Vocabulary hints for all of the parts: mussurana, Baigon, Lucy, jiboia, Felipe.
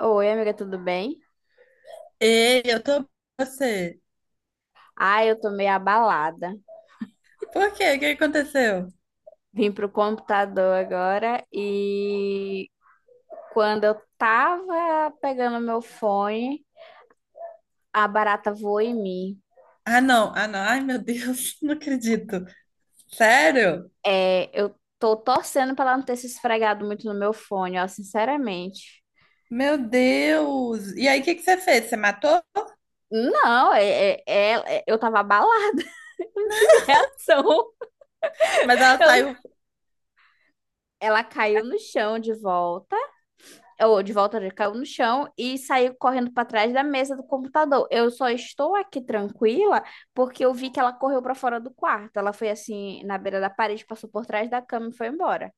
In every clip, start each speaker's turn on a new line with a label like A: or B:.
A: Oi, amiga, tudo bem?
B: Ei, eu tô com você.
A: Ah, eu tô meio abalada.
B: Por quê? O que aconteceu?
A: Vim pro computador agora e quando eu tava pegando meu fone, a barata voou em mim.
B: Ah, não. Ah, não. Ai, meu Deus, não acredito. Sério?
A: É, eu tô torcendo pra ela não ter se esfregado muito no meu fone, ó, sinceramente.
B: Meu Deus. E aí, o que que você fez? Você matou?
A: Não, é, eu tava abalada, não tive reação.
B: Mas ela
A: Eu-
B: saiu.
A: ela caiu no chão de volta. Eu, de volta, ele caiu no chão e saiu correndo para trás da mesa do computador. Eu só estou aqui tranquila porque eu vi que ela correu para fora do quarto. Ela foi assim na beira da parede, passou por trás da cama e foi embora.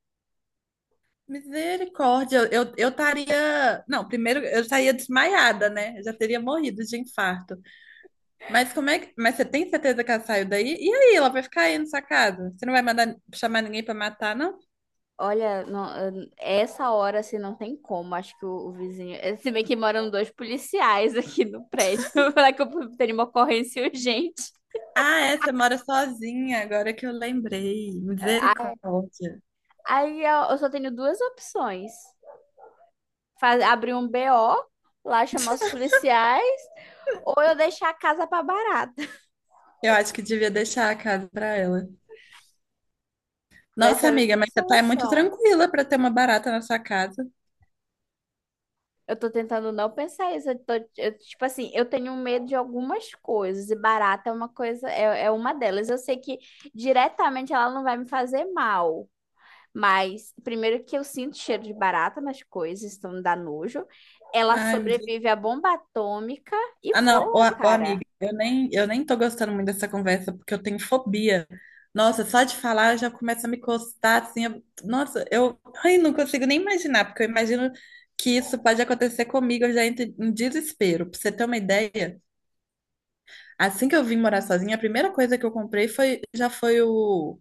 B: Misericórdia, eu, eu estaria. Não, primeiro eu estaria desmaiada, né? Eu já teria morrido de infarto. Mas como é que. Mas você tem certeza que ela saiu daí? E aí, ela vai ficar aí na sua casa? Você não vai mandar chamar ninguém pra matar, não?
A: Olha, não, essa hora assim não tem como. Acho que o vizinho. Se bem que moram dois policiais aqui no prédio. Falar que eu teria uma ocorrência urgente.
B: Ah, é, você mora sozinha, agora que eu lembrei. Misericórdia.
A: Aí eu só tenho duas opções. Faz, abrir um BO, lá chamar os policiais, ou eu deixar a casa pra barata.
B: Eu acho que devia deixar a casa pra ela.
A: Vai ser
B: Nossa,
A: a
B: amiga,
A: única
B: mas você tá muito
A: solução.
B: tranquila pra ter uma barata na sua casa.
A: Eu tô tentando não pensar isso. Eu tô, eu, tipo assim, eu tenho medo de algumas coisas, e barata é uma coisa, é uma delas. Eu sei que diretamente ela não vai me fazer mal. Mas, primeiro que eu sinto cheiro de barata nas coisas, então me dá nojo. Ela
B: Ai, meu
A: sobrevive à
B: Deus.
A: bomba atômica e
B: Ah, não, ô,
A: voa,
B: ô,
A: cara.
B: amiga, eu nem tô gostando muito dessa conversa, porque eu tenho fobia. Nossa, só de falar eu já começa a me encostar, assim. Nossa, eu ai, não consigo nem imaginar, porque eu imagino que isso pode acontecer comigo, eu já entro em desespero. Pra você ter uma ideia, assim que eu vim morar sozinha, a primeira coisa que eu comprei foi, já foi o...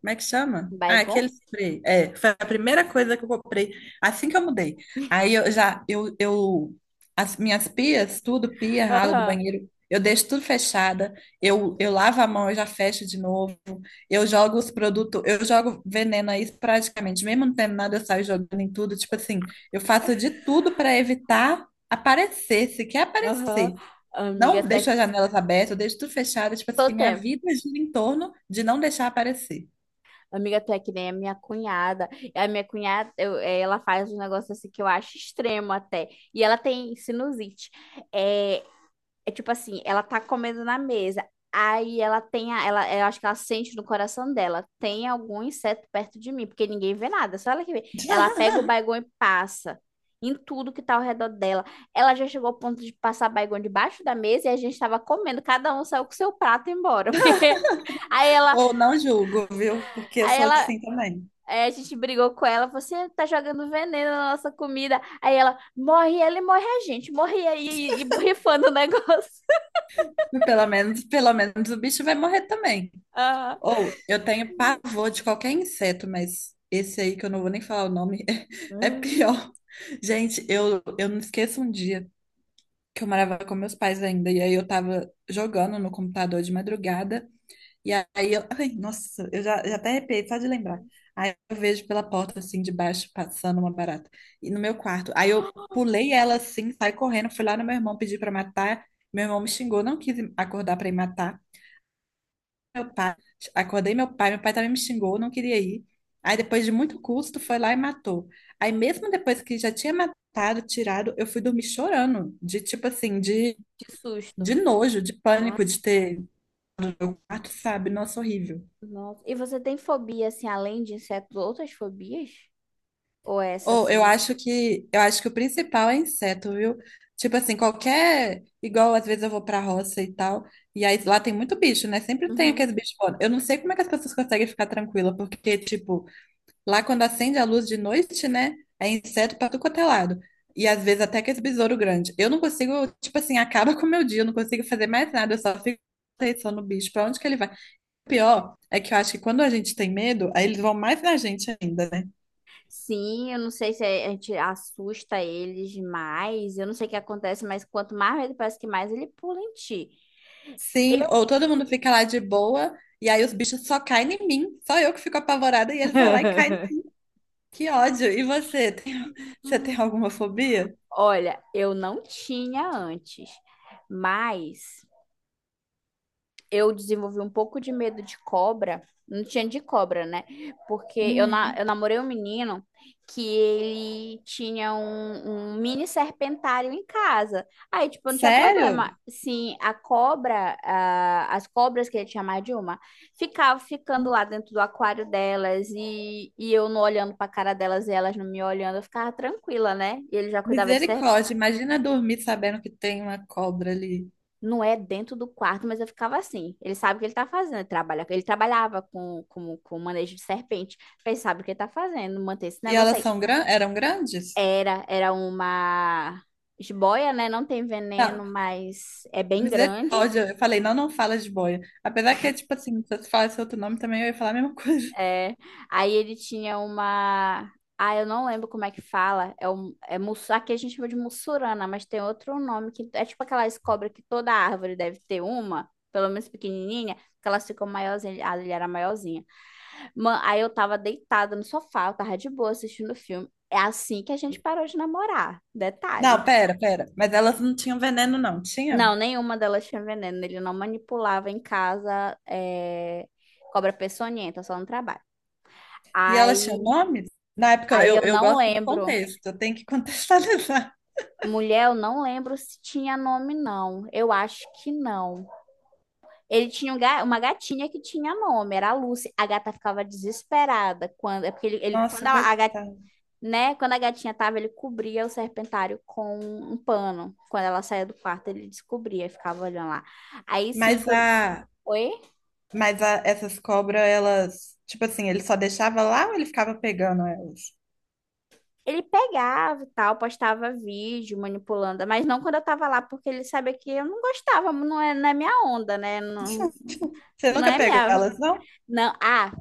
B: Como é que chama? Ah,
A: Baigon?
B: aquele spray. É, foi a primeira coisa que eu comprei assim que eu mudei. Aí eu já, as minhas pias, tudo, pia, ralo do
A: Aham,
B: banheiro, eu deixo tudo fechada, eu lavo a mão, eu já fecho de novo, eu jogo os produtos, eu jogo veneno aí praticamente, mesmo não tendo nada, eu saio jogando em tudo, tipo assim, eu faço de tudo para evitar aparecer, se quer
A: aham.
B: aparecer.
A: Amiga,
B: Não
A: tá
B: deixo as janelas abertas, eu deixo tudo fechado, tipo assim,
A: todo
B: minha
A: tempo.
B: vida gira em torno de não deixar aparecer.
A: Amiga, tu é que nem a minha cunhada. A minha cunhada, ela faz um negócio assim que eu acho extremo até. E ela tem sinusite. É, é tipo assim, ela tá comendo na mesa. Aí ela tem a, ela, eu acho que ela sente no coração dela, tem algum inseto perto de mim, porque ninguém vê nada, só ela que vê. Ela pega o baigão e passa em tudo que tá ao redor dela. Ela já chegou ao ponto de passar baigão debaixo da mesa e a gente tava comendo, cada um saiu com seu prato e embora, porque aí ela.
B: Ou não julgo, viu? Porque eu
A: Aí
B: sou
A: ela,
B: assim também.
A: aí a gente brigou com ela, você tá jogando veneno na nossa comida. Aí ela morre, ela e morre a gente, morre aí e borrifando o negócio.
B: Pelo menos o bicho vai morrer também.
A: Ah,
B: Ou eu tenho pavor de qualquer inseto, mas esse aí que eu não vou nem falar o nome é
A: hum.
B: pior. Gente, eu, não esqueço um dia que eu morava com meus pais ainda, e aí eu tava jogando no computador de madrugada. E aí eu, ai, nossa, eu já, já até arrepiei só de lembrar. Aí eu vejo pela porta assim de baixo passando uma barata. E no meu quarto. Aí eu pulei ela assim, saí correndo, fui lá no meu irmão pedir pra matar. Meu irmão me xingou, não quis acordar pra ir matar. Meu pai, acordei meu pai também me xingou, não queria ir. Aí depois de muito custo, foi lá e matou. Aí mesmo depois que já tinha matado, tirado, eu fui dormir chorando, de tipo assim,
A: De susto.
B: de nojo, de
A: Ah,
B: pânico de ter, mato, sabe? Nossa, horrível.
A: nossa. E você tem fobia, assim, além de insetos, outras fobias? Ou é essa,
B: Ou eu
A: assim?
B: acho que o principal é inseto, viu? Tipo assim, qualquer. Igual às vezes eu vou pra roça e tal. E aí lá tem muito bicho, né? Sempre tem
A: Uhum.
B: aqueles bichos voando. Eu não sei como é que as pessoas conseguem ficar tranquila, porque, tipo, lá quando acende a luz de noite, né? É inseto pra tudo quanto é lado. E às vezes até aqueles besouro grande. Eu não consigo, tipo assim, acaba com o meu dia, eu não consigo fazer mais nada, eu só fico atenção no bicho, pra onde que ele vai. O pior é que eu acho que quando a gente tem medo, aí eles vão mais na gente ainda, né?
A: Sim, eu não sei se a gente assusta eles mais. Eu não sei o que acontece, mas quanto mais medo, parece que mais ele pula em ti.
B: Sim,
A: Eu,
B: ou todo mundo fica lá de boa, e aí os bichos só caem em mim. Só eu que fico apavorada e eles vão lá e caem em mim. Que ódio. E você, tem, você tem alguma fobia?
A: olha, eu não tinha antes, mas eu desenvolvi um pouco de medo de cobra. Não tinha de cobra, né? Porque eu, na,
B: Hum,
A: eu namorei um menino que ele tinha um mini serpentário em casa. Aí, tipo, não tinha
B: sério?
A: problema. Sim, a cobra, ah, as cobras que ele tinha mais de uma, ficavam ficando lá dentro do aquário delas e eu não olhando pra cara delas e elas não me olhando, eu ficava tranquila, né? E ele já cuidava de...
B: Misericórdia, imagina dormir sabendo que tem uma cobra ali.
A: Não é dentro do quarto, mas eu ficava assim. Ele sabe o que ele tá fazendo. Ele, trabalha, ele trabalhava com, com manejo de serpente. Ele sabe o que ele tá fazendo, manter esse
B: E
A: negócio
B: elas
A: aí.
B: são gran... eram grandes?
A: Era, era uma jiboia, né? Não tem veneno,
B: Não,
A: mas é bem grande.
B: misericórdia. Eu falei, não, não fala de boia. Apesar que é tipo assim, se você falasse outro nome também, eu ia falar a mesma coisa.
A: É. Aí ele tinha uma. Ah, eu não lembro como é que fala. É, um, é mussu... Aqui a gente chama de mussurana, mas tem outro nome que é tipo aquelas cobras que toda árvore deve ter uma, pelo menos pequenininha, que elas ficam maiorzinhas. Ah, ele era maiorzinha. Mano, aí eu tava deitada no sofá, eu tava de boa assistindo o filme. É assim que a gente parou de namorar.
B: Não,
A: Detalhe.
B: pera, pera. Mas elas não tinham veneno, não, tinha?
A: Não, nenhuma delas tinha veneno. Ele não manipulava em casa é, cobra peçonhenta, só no trabalho.
B: E ela tinha
A: Aí,
B: nome? Na época,
A: aí eu
B: eu
A: não
B: gosto do
A: lembro.
B: contexto, eu tenho que contextualizar.
A: Mulher, eu não lembro se tinha nome, não. Eu acho que não. Ele tinha um uma gatinha que tinha nome, era a Lucy. A gata ficava desesperada quando. É porque ele, quando
B: Nossa,
A: a
B: coitada.
A: né? Quando a gatinha tava, ele cobria o serpentário com um pano. Quando ela saía do quarto, ele descobria e ficava olhando lá. Aí sim,
B: Mas
A: foi...
B: a,
A: Oi?
B: mas a, essas cobras, elas, tipo assim, ele só deixava lá ou ele ficava pegando elas?
A: Ele pegava e tal, postava vídeo manipulando, mas não quando eu tava lá, porque ele sabia que eu não gostava, não é, não é minha onda, né? Não,
B: Você
A: não
B: nunca
A: é
B: pegou
A: minha.
B: elas, não?
A: Não, ah,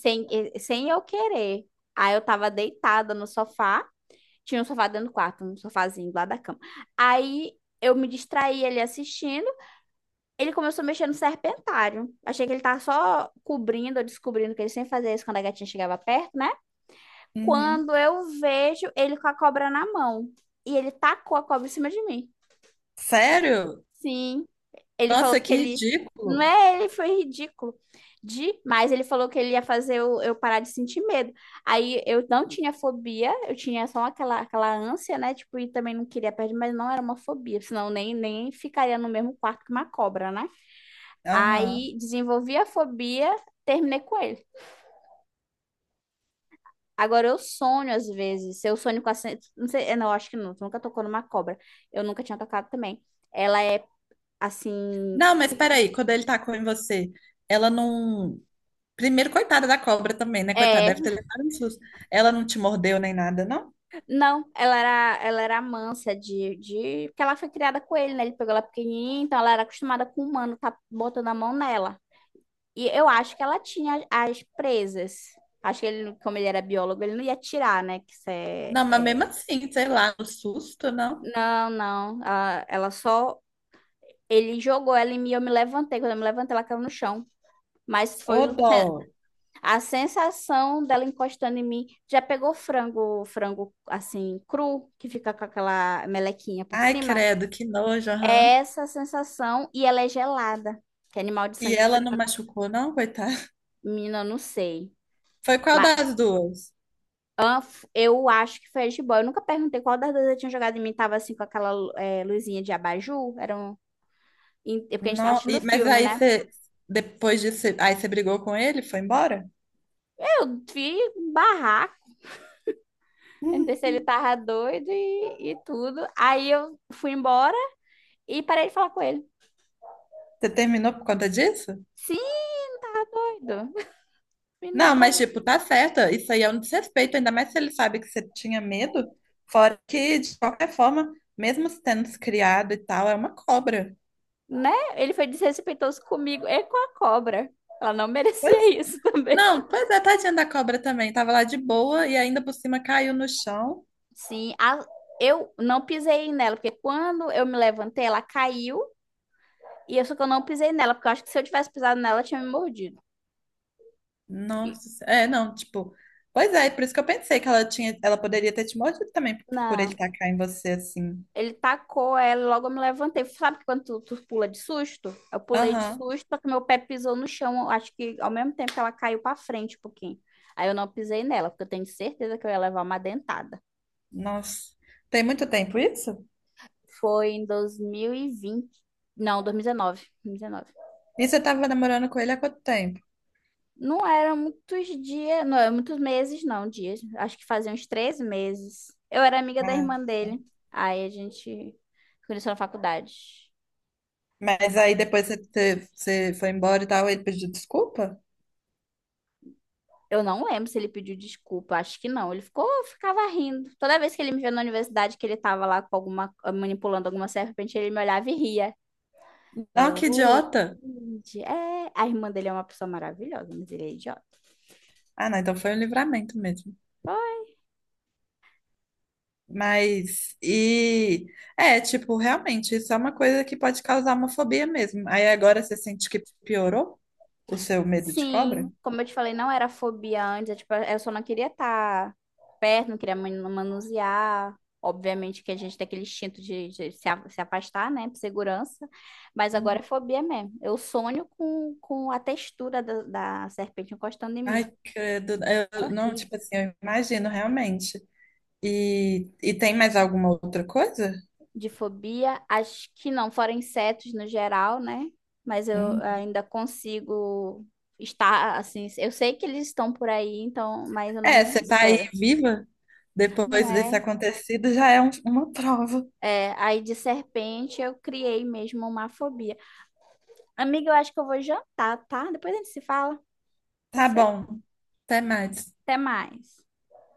A: sem, sem eu querer. Aí eu tava deitada no sofá, tinha um sofá dentro do quarto, um sofazinho lá da cama. Aí eu me distraí ali assistindo. Ele começou a mexer no serpentário. Achei que ele tava só cobrindo, ou descobrindo que ele sempre fazia isso quando a gatinha chegava perto, né?
B: Uhum.
A: Quando eu vejo ele com a cobra na mão. E ele tacou a cobra em cima de mim.
B: Sério?
A: Sim. Ele falou
B: Nossa,
A: que
B: que
A: ele. Não
B: ridículo.
A: é ele, foi ridículo. Demais. Ele falou que ele ia fazer eu parar de sentir medo. Aí eu não tinha fobia, eu tinha só aquela, aquela ânsia, né? Tipo, e também não queria perder, mas não era uma fobia. Senão nem ficaria no mesmo quarto que uma cobra, né?
B: Aham.
A: Aí desenvolvi a fobia, terminei com ele. Agora eu sonho às vezes. Eu sonho com a. Não sei, é, não, acho que não. Tu nunca tocou numa cobra. Eu nunca tinha tocado também. Ela é assim.
B: Não, mas peraí, quando ele tacou em você, ela não. Primeiro, coitada da cobra também, né? Coitada,
A: É.
B: deve ter levado um susto. Ela não te mordeu nem nada, não?
A: Não, ela era mansa de, de. Porque ela foi criada com ele, né? Ele pegou ela pequenininha, então ela era acostumada com o humano tá botando a mão nela. E eu acho que ela tinha as presas. Acho que ele, como ele era biólogo, ele não ia tirar, né? Que isso é.
B: Não, mas mesmo assim, sei lá, o susto, não?
A: Não, não. Ela só. Ele jogou ela em mim, eu me levantei. Quando eu me levantei, ela caiu no chão. Mas foi
B: Ô, dó.
A: a sensação dela encostando em mim. Já pegou frango, frango assim, cru, que fica com aquela melequinha por
B: Ai,
A: cima?
B: credo, que nojo,
A: É
B: aham.
A: essa a sensação e ela é gelada. Que é animal de
B: E
A: sangue
B: ela
A: frio,
B: não
A: né?
B: machucou, não, coitada?
A: Menina, eu não sei.
B: Foi qual
A: Mas
B: das duas?
A: eu acho que foi a jiboia. Eu nunca perguntei qual das duas eu tinha jogado em mim. Tava assim com aquela luzinha de abajur. Era um... Porque a gente tá
B: Não,
A: assistindo
B: mas
A: filme,
B: aí
A: né?
B: você, depois disso, aí você brigou com ele, foi embora?
A: Eu vi barraco. Eu não sei
B: Hum,
A: se ele
B: hum.
A: tava doido e tudo. Aí eu fui embora e parei de falar com ele.
B: Você terminou por conta disso?
A: Sim, não tava doido. Menino
B: Não, mas tipo,
A: doido,
B: tá certa. Isso aí é um desrespeito, ainda mais se ele sabe que você tinha medo. Fora que, de qualquer forma, mesmo tendo se criado e tal, é uma cobra.
A: né? Ele foi desrespeitoso comigo e com a cobra. Ela não
B: Pois,
A: merecia isso também.
B: não, pois é, tadinha da cobra também. Tava lá de boa e ainda por cima caiu no chão.
A: Sim, eu não pisei nela, porque quando eu me levantei, ela caiu. E eu só que eu não pisei nela, porque eu acho que se eu tivesse pisado nela, ela tinha me mordido. E-
B: Nossa, é, não, tipo, pois é, por isso que eu pensei que ela tinha, ela poderia ter te mordido também por
A: Não.
B: ele tacar em você assim.
A: Ele tacou ela, logo eu me levantei. Sabe que quando tu pula de susto? Eu pulei de
B: Aham,
A: susto, só que meu pé pisou no chão. Acho que ao mesmo tempo que ela caiu pra frente um pouquinho. Aí eu não pisei nela, porque eu tenho certeza que eu ia levar uma dentada.
B: nossa. Tem muito tempo isso?
A: Foi em 2020. Não, dois mil e dezenove. Dois mil e 2019.
B: E você tava namorando com ele há quanto tempo?
A: Não eram muitos dias, não eram muitos meses, não, dias. Acho que fazia uns 3 meses. Eu era amiga da
B: Ah,
A: irmã dele. Aí a gente conheceu na faculdade.
B: mas aí depois você, você foi embora e tal, ele pediu desculpa?
A: Eu não lembro se ele pediu desculpa, acho que não. Ele ficou, ficava rindo. Toda vez que ele me via na universidade, que ele tava lá com alguma, manipulando alguma serpente, ele me olhava e ria.
B: Não,
A: Eu,
B: que
A: olha, que
B: idiota!
A: lindo. É, a irmã dele é uma pessoa maravilhosa, mas ele é idiota.
B: Ah, não, então foi um livramento mesmo.
A: Pô.
B: Mas, e é, tipo, realmente, isso é uma coisa que pode causar uma fobia mesmo. Aí agora você sente que piorou o seu medo de
A: Sim,
B: cobra?
A: como eu te falei, não era fobia antes, é tipo, eu só não queria estar perto, não queria manusear. Obviamente que a gente tem aquele instinto de, se afastar, né, por segurança, mas agora é
B: Uhum.
A: fobia mesmo. Eu sonho com a textura da, da serpente encostando em mim.
B: Ai, credo,
A: É
B: eu, não,
A: horrível.
B: tipo assim, eu imagino realmente. E tem mais alguma outra coisa?
A: De fobia, acho que não, fora insetos no geral, né, mas eu
B: Hum.
A: ainda consigo estar assim. Eu sei que eles estão por aí, então, mas eu não me
B: É, você tá aí
A: desespero.
B: viva
A: Não
B: depois desse
A: é.
B: acontecido já é uma prova.
A: É, aí de serpente eu criei mesmo uma fobia. Amiga, eu acho que eu vou jantar, tá? Depois a gente se fala. Pode
B: Tá
A: ser?
B: bom. Até mais.
A: Até mais.